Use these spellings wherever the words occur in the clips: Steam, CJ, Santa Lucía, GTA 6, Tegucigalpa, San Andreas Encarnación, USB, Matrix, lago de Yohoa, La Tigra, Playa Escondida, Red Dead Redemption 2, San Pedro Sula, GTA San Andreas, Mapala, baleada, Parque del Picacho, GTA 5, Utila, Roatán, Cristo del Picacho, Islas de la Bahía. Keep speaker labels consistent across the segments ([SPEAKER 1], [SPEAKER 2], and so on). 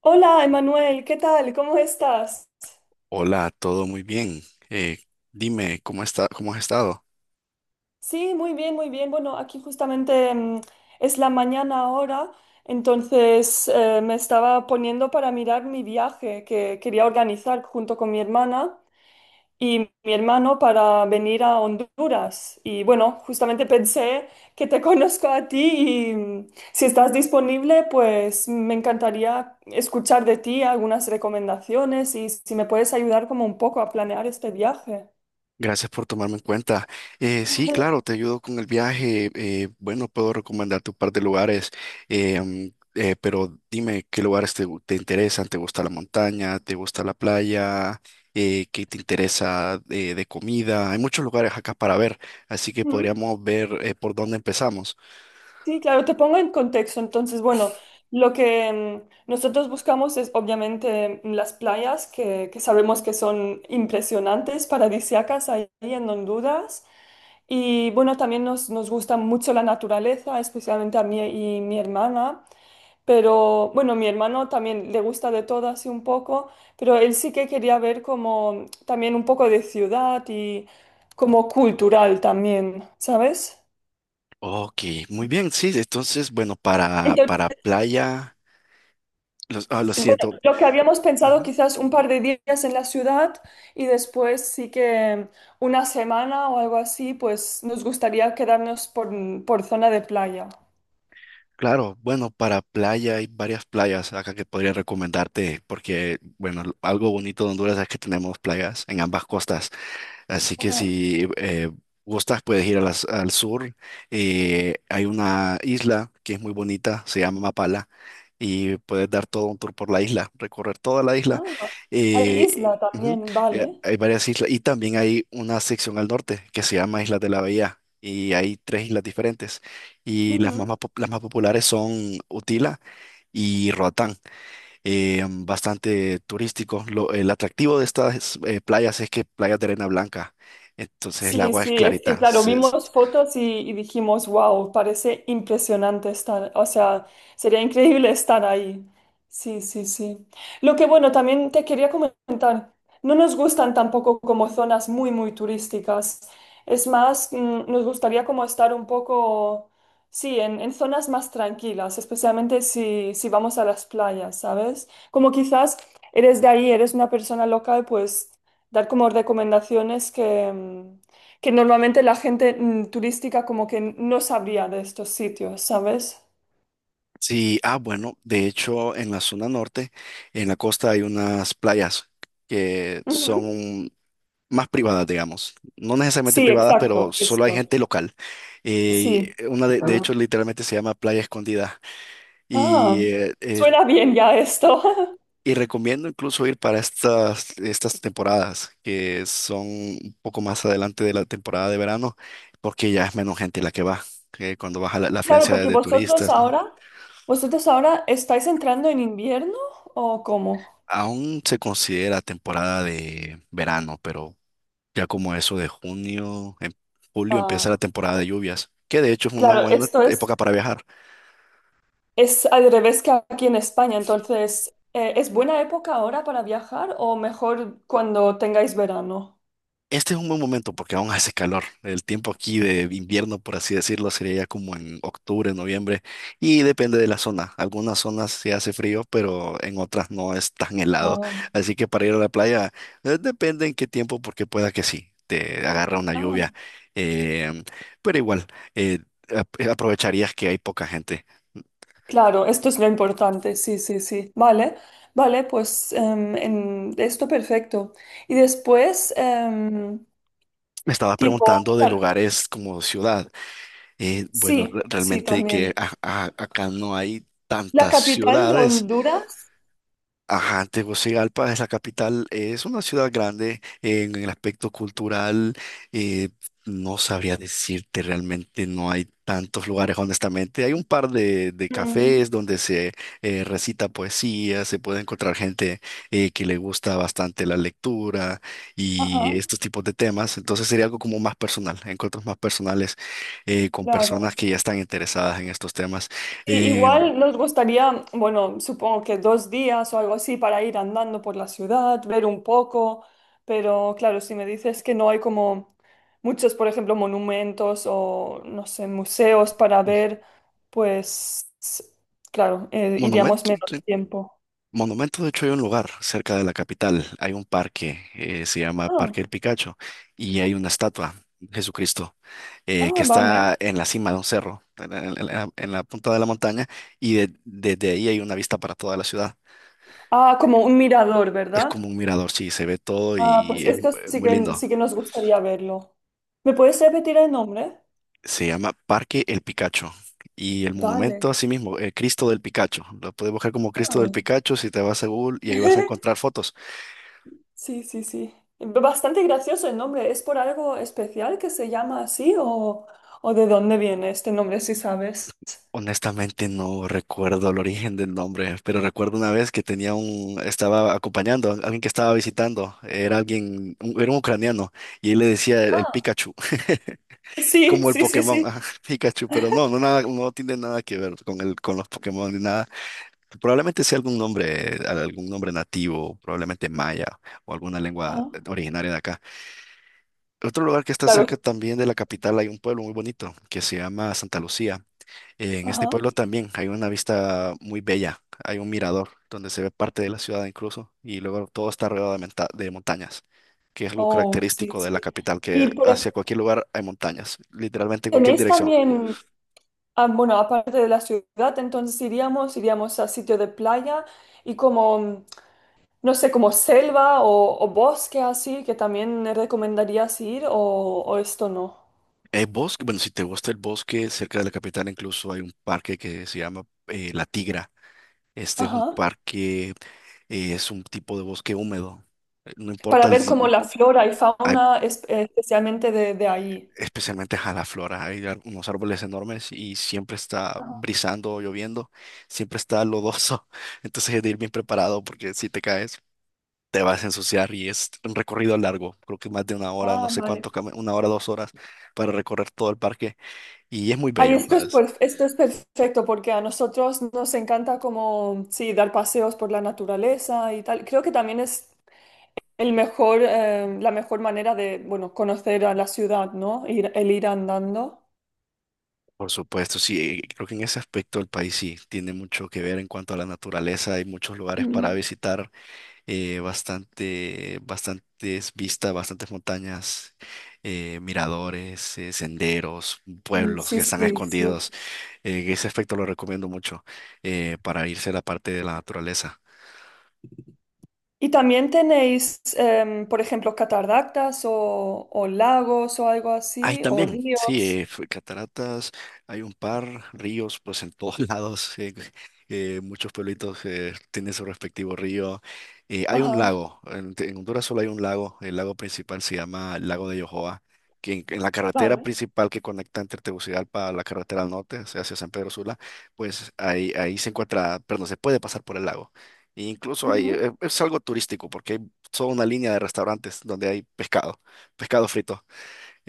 [SPEAKER 1] Hola, Emanuel, ¿qué tal? ¿Cómo estás?
[SPEAKER 2] Hola, todo muy bien. Eh, Dime, ¿ cómo has estado?
[SPEAKER 1] Sí, muy bien, muy bien. Bueno, aquí justamente es la mañana ahora, entonces me estaba poniendo para mirar mi viaje que quería organizar junto con mi hermana y mi hermano para venir a Honduras. Y bueno, justamente pensé que te conozco a ti y si estás disponible, pues me encantaría escuchar de ti algunas recomendaciones y si me puedes ayudar como un poco a planear este viaje.
[SPEAKER 2] Gracias por tomarme en cuenta. Sí, claro, te ayudo con el viaje. Bueno, puedo recomendarte un par de lugares, eh, mm, pero dime qué lugares te interesan. ¿Te gusta la montaña? ¿Te gusta la playa? ¿Qué te interesa de comida? Hay muchos lugares acá para ver, así que podríamos ver por dónde empezamos.
[SPEAKER 1] Sí, claro, te pongo en contexto. Entonces, bueno, lo que nosotros buscamos es obviamente las playas que sabemos que son impresionantes, paradisíacas, ahí en Honduras. Y bueno, también nos gusta mucho la naturaleza, especialmente a mí y mi hermana. Pero bueno, mi hermano también le gusta de todo así un poco, pero él sí que quería ver como también un poco de ciudad y como cultural también, ¿sabes?
[SPEAKER 2] Ok, muy bien, sí. Entonces, bueno, para playa, ah, lo
[SPEAKER 1] Bueno,
[SPEAKER 2] siento.
[SPEAKER 1] lo que habíamos pensado
[SPEAKER 2] Ujú.
[SPEAKER 1] quizás un par de días en la ciudad y después sí que una semana o algo así, pues nos gustaría quedarnos por, zona de playa.
[SPEAKER 2] Claro, bueno, para playa hay varias playas acá que podría recomendarte porque, bueno, algo bonito de Honduras es que tenemos playas en ambas costas. Así que
[SPEAKER 1] Ajá.
[SPEAKER 2] si gustas, puedes ir a al sur. Hay una isla que es muy bonita, se llama Mapala, y puedes dar todo un tour por la isla, recorrer toda la isla.
[SPEAKER 1] Ah, hay isla
[SPEAKER 2] Ujú.
[SPEAKER 1] también, vale.
[SPEAKER 2] Hay varias islas y también hay una sección al norte que se llama Islas de la Bahía. Y hay tres islas diferentes. Y las más populares son Utila y Roatán, bastante turístico. El atractivo de estas playas es que playas de arena blanca, entonces el
[SPEAKER 1] Sí,
[SPEAKER 2] agua es
[SPEAKER 1] sí, es que
[SPEAKER 2] clarita.
[SPEAKER 1] claro, vimos fotos y dijimos, wow, parece impresionante estar, o sea, sería increíble estar ahí. Sí, sí, sí. Lo que bueno, también te quería comentar, no nos gustan tampoco como zonas muy, muy turísticas. Es más, nos gustaría como estar un poco, sí, en, zonas más tranquilas, especialmente si vamos a las playas, ¿sabes? Como quizás eres de ahí, eres una persona local, pues dar como recomendaciones que... que normalmente la gente turística como que no sabría de estos sitios, ¿sabes?
[SPEAKER 2] Sí, ah, bueno, de hecho en la zona norte, en la costa hay unas playas que
[SPEAKER 1] Ujú.
[SPEAKER 2] son más privadas, digamos. No necesariamente
[SPEAKER 1] Sí,
[SPEAKER 2] privadas, pero
[SPEAKER 1] exacto,
[SPEAKER 2] solo hay
[SPEAKER 1] esto.
[SPEAKER 2] gente local.
[SPEAKER 1] Sí.
[SPEAKER 2] Una de hecho literalmente se llama Playa Escondida.
[SPEAKER 1] Ah,
[SPEAKER 2] y eh, eh,
[SPEAKER 1] suena bien ya esto.
[SPEAKER 2] Y recomiendo incluso ir para estas temporadas, que son un poco más adelante de la temporada de verano, porque ya es menos gente la que va, que cuando baja la
[SPEAKER 1] Claro,
[SPEAKER 2] afluencia
[SPEAKER 1] porque
[SPEAKER 2] de
[SPEAKER 1] vosotros
[SPEAKER 2] turistas.
[SPEAKER 1] ahora, vosotros ahora estáis entrando en invierno, ¿o cómo?
[SPEAKER 2] Aún se considera temporada de verano, pero ya como eso de junio, en julio empieza la
[SPEAKER 1] Ah,
[SPEAKER 2] temporada de lluvias, que de hecho es una
[SPEAKER 1] claro,
[SPEAKER 2] buena
[SPEAKER 1] esto
[SPEAKER 2] época para viajar.
[SPEAKER 1] es al revés que aquí en España, entonces, ¿es buena época ahora para viajar o mejor cuando tengáis verano?
[SPEAKER 2] Este es un buen momento porque aún hace calor. El tiempo aquí de invierno, por así decirlo, sería ya como en octubre, noviembre, y depende de la zona. Algunas zonas se hace frío, pero en otras no es tan helado.
[SPEAKER 1] Ah,
[SPEAKER 2] Así que para ir a la playa, depende en qué tiempo, porque pueda que sí, te agarra una lluvia.
[SPEAKER 1] ah.
[SPEAKER 2] em, pero igual, eh, aprovecharías que hay poca gente.
[SPEAKER 1] Claro, esto es lo importante, sí, sí, sí. Vale, vale, pues en esto perfecto. Y después,
[SPEAKER 2] Me estabas
[SPEAKER 1] tipo,
[SPEAKER 2] preguntando de
[SPEAKER 1] cual-
[SPEAKER 2] lugares como ciudad. Bueno,
[SPEAKER 1] sí, sí,
[SPEAKER 2] realmente que
[SPEAKER 1] también.
[SPEAKER 2] acá no hay
[SPEAKER 1] La
[SPEAKER 2] tantas
[SPEAKER 1] capital de
[SPEAKER 2] ciudades.
[SPEAKER 1] Honduras.
[SPEAKER 2] Ajá, Tegucigalpa es la capital, es una ciudad grande en el aspecto cultural, eh, no sabría decirte realmente, no hay tantos lugares honestamente, hay un par de
[SPEAKER 1] Ujú.
[SPEAKER 2] cafés donde se recita poesía, se puede encontrar gente que le gusta bastante la lectura y
[SPEAKER 1] Ajá,
[SPEAKER 2] estos tipos de temas, entonces sería algo como más personal, encuentros más personales con personas
[SPEAKER 1] claro.
[SPEAKER 2] que ya están interesadas en estos temas.
[SPEAKER 1] Sí,
[SPEAKER 2] Em,
[SPEAKER 1] igual nos gustaría, bueno, supongo que 2 días o algo así para ir andando por la ciudad, ver un poco, pero claro, si me dices que no hay como muchos, por ejemplo, monumentos o, no sé, museos para ver, pues, claro, iríamos
[SPEAKER 2] Monumento,
[SPEAKER 1] menos
[SPEAKER 2] sí.
[SPEAKER 1] tiempo.
[SPEAKER 2] Monumento, de hecho, hay un lugar cerca de la capital, hay un parque, se llama
[SPEAKER 1] Ah,
[SPEAKER 2] Parque del Picacho, y hay una estatua de Jesucristo, que
[SPEAKER 1] ah,
[SPEAKER 2] está
[SPEAKER 1] vale.
[SPEAKER 2] en la cima de un cerro, en la punta de la montaña, y desde ahí hay una vista para toda la ciudad.
[SPEAKER 1] Ah, como un mirador,
[SPEAKER 2] Es
[SPEAKER 1] ¿verdad?
[SPEAKER 2] como un mirador, sí, se ve todo
[SPEAKER 1] Ah,
[SPEAKER 2] y
[SPEAKER 1] pues
[SPEAKER 2] es
[SPEAKER 1] esto
[SPEAKER 2] muy lindo.
[SPEAKER 1] sí que nos gustaría verlo. ¿Me puedes repetir el nombre?
[SPEAKER 2] Se llama Parque El Picacho. Y el
[SPEAKER 1] Vale.
[SPEAKER 2] monumento así mismo, el Cristo del Picacho. Lo puedes buscar como Cristo del
[SPEAKER 1] Ah.
[SPEAKER 2] Picacho si te vas a Google y ahí vas a encontrar fotos.
[SPEAKER 1] Sí, sí, sí. Bastante gracioso el nombre. ¿Es por algo especial que se llama así o de dónde viene este nombre, si sabes?
[SPEAKER 2] Honestamente no recuerdo el origen del nombre, pero recuerdo una vez que tenía un, estaba acompañando a alguien que estaba visitando, era alguien, era un ucraniano, y él le decía el
[SPEAKER 1] Ah,
[SPEAKER 2] Pikachu,
[SPEAKER 1] sí,
[SPEAKER 2] como el
[SPEAKER 1] sí, sí,
[SPEAKER 2] Pokémon,
[SPEAKER 1] sí.
[SPEAKER 2] ajá, Pikachu, pero no, no nada, no tiene nada que ver con con los Pokémon ni nada. Probablemente sea algún nombre nativo, probablemente maya o alguna lengua
[SPEAKER 1] Ajá,
[SPEAKER 2] originaria de acá. Otro lugar que está
[SPEAKER 1] claro.
[SPEAKER 2] cerca también de la capital hay un pueblo muy bonito que se llama Santa Lucía. En este
[SPEAKER 1] Ajá.
[SPEAKER 2] pueblo también hay una vista muy bella, hay un mirador donde se ve parte de la ciudad incluso y luego todo está rodeado de montañas, que es algo
[SPEAKER 1] Oh, sí,
[SPEAKER 2] característico de
[SPEAKER 1] sí.
[SPEAKER 2] la capital, que
[SPEAKER 1] Y
[SPEAKER 2] hacia cualquier lugar hay montañas, literalmente en cualquier
[SPEAKER 1] tenéis
[SPEAKER 2] dirección.
[SPEAKER 1] también, ah, bueno, aparte de la ciudad, entonces iríamos, iríamos a sitio de playa y como, no sé, como selva o bosque así, que también recomendarías ir o esto no.
[SPEAKER 2] Hay bosque, bueno, si te gusta el bosque, cerca de la capital incluso hay un parque que se llama La Tigra. Este es un
[SPEAKER 1] Ajá.
[SPEAKER 2] parque, es un tipo de bosque húmedo. No importa,
[SPEAKER 1] Para ver como la flora y
[SPEAKER 2] hay
[SPEAKER 1] fauna especialmente de allí.
[SPEAKER 2] especialmente a la flora. Hay unos árboles enormes y siempre está
[SPEAKER 1] Ajá.
[SPEAKER 2] brisando o lloviendo, siempre está lodoso. Entonces hay de ir bien preparado porque si te caes, te vas a ensuciar y es un recorrido largo, creo que más de una hora, no
[SPEAKER 1] Ah,
[SPEAKER 2] sé
[SPEAKER 1] vale.
[SPEAKER 2] cuánto, una hora, dos horas para recorrer todo el parque y es muy
[SPEAKER 1] Ay,
[SPEAKER 2] bello.
[SPEAKER 1] esto es,
[SPEAKER 2] ¿Sabes?
[SPEAKER 1] esto es perfecto porque a nosotros nos encanta como, sí, dar paseos por la naturaleza y tal. Creo que también es el mejor, la mejor manera de, bueno, conocer a la ciudad, ¿no? El ir andando.
[SPEAKER 2] Por supuesto, sí, creo que en ese aspecto el país sí tiene mucho que ver en cuanto a la naturaleza, hay muchos lugares para
[SPEAKER 1] Mm.
[SPEAKER 2] visitar, bastantes vistas, bastantes montañas, miradores, senderos,
[SPEAKER 1] Sí,
[SPEAKER 2] pueblos que
[SPEAKER 1] sí,
[SPEAKER 2] están
[SPEAKER 1] sí, sí.
[SPEAKER 2] escondidos. Ese aspecto lo recomiendo mucho para irse a la parte de la naturaleza.
[SPEAKER 1] ¿Y también tenéis, por ejemplo, cataratas o lagos o algo
[SPEAKER 2] Hay
[SPEAKER 1] así, o
[SPEAKER 2] también, sí,
[SPEAKER 1] ríos?
[SPEAKER 2] cataratas, hay un par, ríos, pues en todos lados, muchos pueblitos tienen su respectivo río. Hay un
[SPEAKER 1] Ajá,
[SPEAKER 2] lago, en Honduras solo hay un lago, el lago principal se llama el lago de Yohoa, que en la carretera
[SPEAKER 1] vale.
[SPEAKER 2] principal que conecta entre Tegucigalpa a la carretera al norte, o sea, hacia San Pedro Sula, pues ahí se encuentra, perdón, se puede pasar por el lago. E incluso hay,
[SPEAKER 1] Ujú.
[SPEAKER 2] es algo turístico porque hay toda una línea de restaurantes donde hay pescado, pescado frito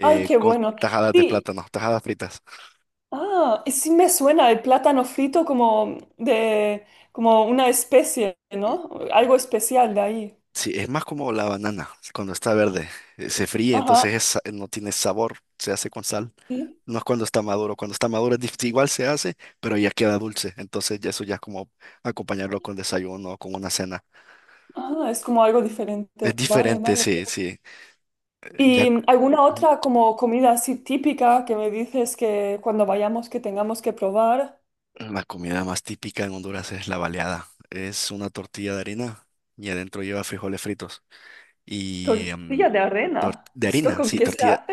[SPEAKER 1] Ay, qué
[SPEAKER 2] con
[SPEAKER 1] bueno.
[SPEAKER 2] tajadas de
[SPEAKER 1] Sí,
[SPEAKER 2] plátano, tajadas fritas.
[SPEAKER 1] ah, y sí me suena el plátano frito como de como una especie,
[SPEAKER 2] Mm.
[SPEAKER 1] ¿no? Algo especial de ahí.
[SPEAKER 2] Sí, es más como la banana cuando está verde. Se fríe,
[SPEAKER 1] Ajá.
[SPEAKER 2] entonces no tiene sabor, se hace con sal.
[SPEAKER 1] Sí.
[SPEAKER 2] No es cuando está maduro igual se hace, pero ya queda dulce. Entonces ya eso ya es como acompañarlo con desayuno o con una cena.
[SPEAKER 1] Ah, es como algo
[SPEAKER 2] Es
[SPEAKER 1] diferente. Vale,
[SPEAKER 2] diferente,
[SPEAKER 1] vale.
[SPEAKER 2] sí, sí. Eh, Ya
[SPEAKER 1] ¿Y alguna
[SPEAKER 2] Ujú.
[SPEAKER 1] otra como comida así típica que me dices que cuando vayamos que tengamos que probar?
[SPEAKER 2] La comida más típica en Honduras es la baleada. Es una tortilla de harina y adentro lleva frijoles fritos. Y em,
[SPEAKER 1] Tortilla de
[SPEAKER 2] tor-
[SPEAKER 1] arena.
[SPEAKER 2] de
[SPEAKER 1] ¿Esto
[SPEAKER 2] harina,
[SPEAKER 1] con
[SPEAKER 2] sí,
[SPEAKER 1] qué se
[SPEAKER 2] tortilla,
[SPEAKER 1] hace?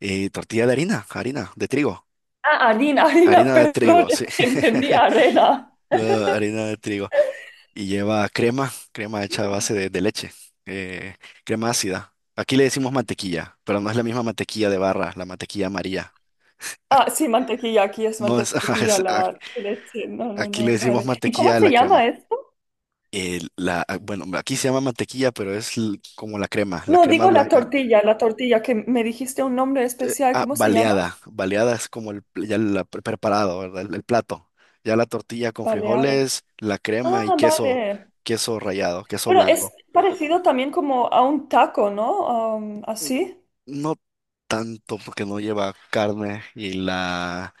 [SPEAKER 2] Y tortilla de harina, harina, de trigo.
[SPEAKER 1] Ah, harina, harina,
[SPEAKER 2] Harina de
[SPEAKER 1] perdón,
[SPEAKER 2] trigo, sí.
[SPEAKER 1] entendí arena.
[SPEAKER 2] No, harina de trigo. Y lleva crema, crema hecha a base de leche, eh, crema ácida. Aquí le decimos mantequilla, pero no es la misma mantequilla de barra, la mantequilla amarilla.
[SPEAKER 1] Ah,
[SPEAKER 2] Ac-
[SPEAKER 1] sí, mantequilla, aquí es
[SPEAKER 2] No es, ajá,
[SPEAKER 1] mantequilla, la leche. No, no,
[SPEAKER 2] aquí le
[SPEAKER 1] no,
[SPEAKER 2] decimos
[SPEAKER 1] vale. ¿Y cómo
[SPEAKER 2] mantequilla a
[SPEAKER 1] se
[SPEAKER 2] la crema.
[SPEAKER 1] llama esto?
[SPEAKER 2] Ah, bueno, aquí se llama mantequilla, pero es como la
[SPEAKER 1] No,
[SPEAKER 2] crema
[SPEAKER 1] digo
[SPEAKER 2] blanca.
[SPEAKER 1] la tortilla, que me dijiste un nombre especial.
[SPEAKER 2] Ah,
[SPEAKER 1] ¿Cómo se llama?
[SPEAKER 2] baleada. Baleada es como el, ya preparado, ¿verdad? El plato. Ya la tortilla con
[SPEAKER 1] Baleada.
[SPEAKER 2] frijoles, la crema y
[SPEAKER 1] Ah,
[SPEAKER 2] queso,
[SPEAKER 1] vale.
[SPEAKER 2] queso rallado, queso
[SPEAKER 1] Bueno, es
[SPEAKER 2] blanco.
[SPEAKER 1] parecido también como a un taco, ¿no? Am,
[SPEAKER 2] Mm,
[SPEAKER 1] así.
[SPEAKER 2] no tanto porque no lleva carne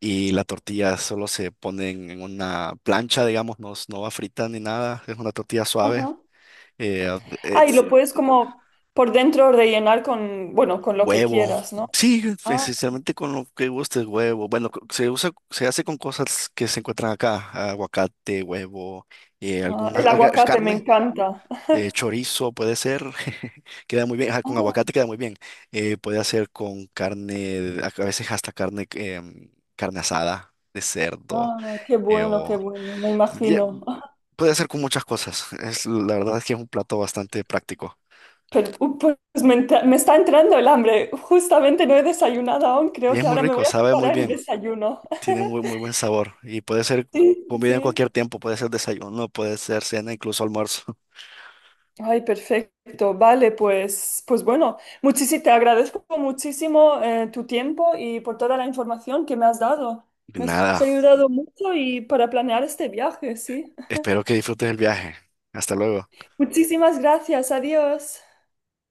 [SPEAKER 2] y la tortilla solo se pone en una plancha, digamos, no, no va frita ni nada. Es una tortilla suave.
[SPEAKER 1] Ajá.
[SPEAKER 2] Eh, eh,
[SPEAKER 1] Ah, y lo puedes como por dentro rellenar con, bueno, con lo que
[SPEAKER 2] Huevo.
[SPEAKER 1] quieras, ¿no?
[SPEAKER 2] Sí,
[SPEAKER 1] Ah,
[SPEAKER 2] esencialmente con lo que guste, huevo. Bueno, se usa, se hace con cosas que se encuentran acá, aguacate, huevo,
[SPEAKER 1] ah, el aguacate me
[SPEAKER 2] carne,
[SPEAKER 1] encanta.
[SPEAKER 2] chorizo puede ser, queda muy bien, ajá, con
[SPEAKER 1] Ah,
[SPEAKER 2] aguacate queda muy bien. Puede hacer con carne, a veces hasta carne, carne asada de cerdo,
[SPEAKER 1] ah,
[SPEAKER 2] eh,
[SPEAKER 1] qué
[SPEAKER 2] o
[SPEAKER 1] bueno, me
[SPEAKER 2] ye-
[SPEAKER 1] imagino.
[SPEAKER 2] puede hacer con muchas cosas. Es, la verdad es que es un plato bastante práctico.
[SPEAKER 1] Pero, pues me está entrando el hambre. Justamente no he desayunado aún.
[SPEAKER 2] Y
[SPEAKER 1] Creo
[SPEAKER 2] es
[SPEAKER 1] que
[SPEAKER 2] muy
[SPEAKER 1] ahora me
[SPEAKER 2] rico,
[SPEAKER 1] voy a
[SPEAKER 2] sabe muy
[SPEAKER 1] preparar el
[SPEAKER 2] bien.
[SPEAKER 1] desayuno.
[SPEAKER 2] Tiene muy, muy buen sabor y puede ser
[SPEAKER 1] Sí, sí,
[SPEAKER 2] comida en
[SPEAKER 1] sí.
[SPEAKER 2] cualquier tiempo, puede ser desayuno, puede ser cena, incluso almuerzo.
[SPEAKER 1] Ay, perfecto. Vale, pues, pues bueno, te agradezco muchísimo tu tiempo y por toda la información que me has dado.
[SPEAKER 2] Y
[SPEAKER 1] Me has
[SPEAKER 2] nada,
[SPEAKER 1] ayudado mucho y para planear este viaje, sí.
[SPEAKER 2] espero que disfrutes el viaje. Hasta luego.
[SPEAKER 1] Muchísimas gracias. Adiós.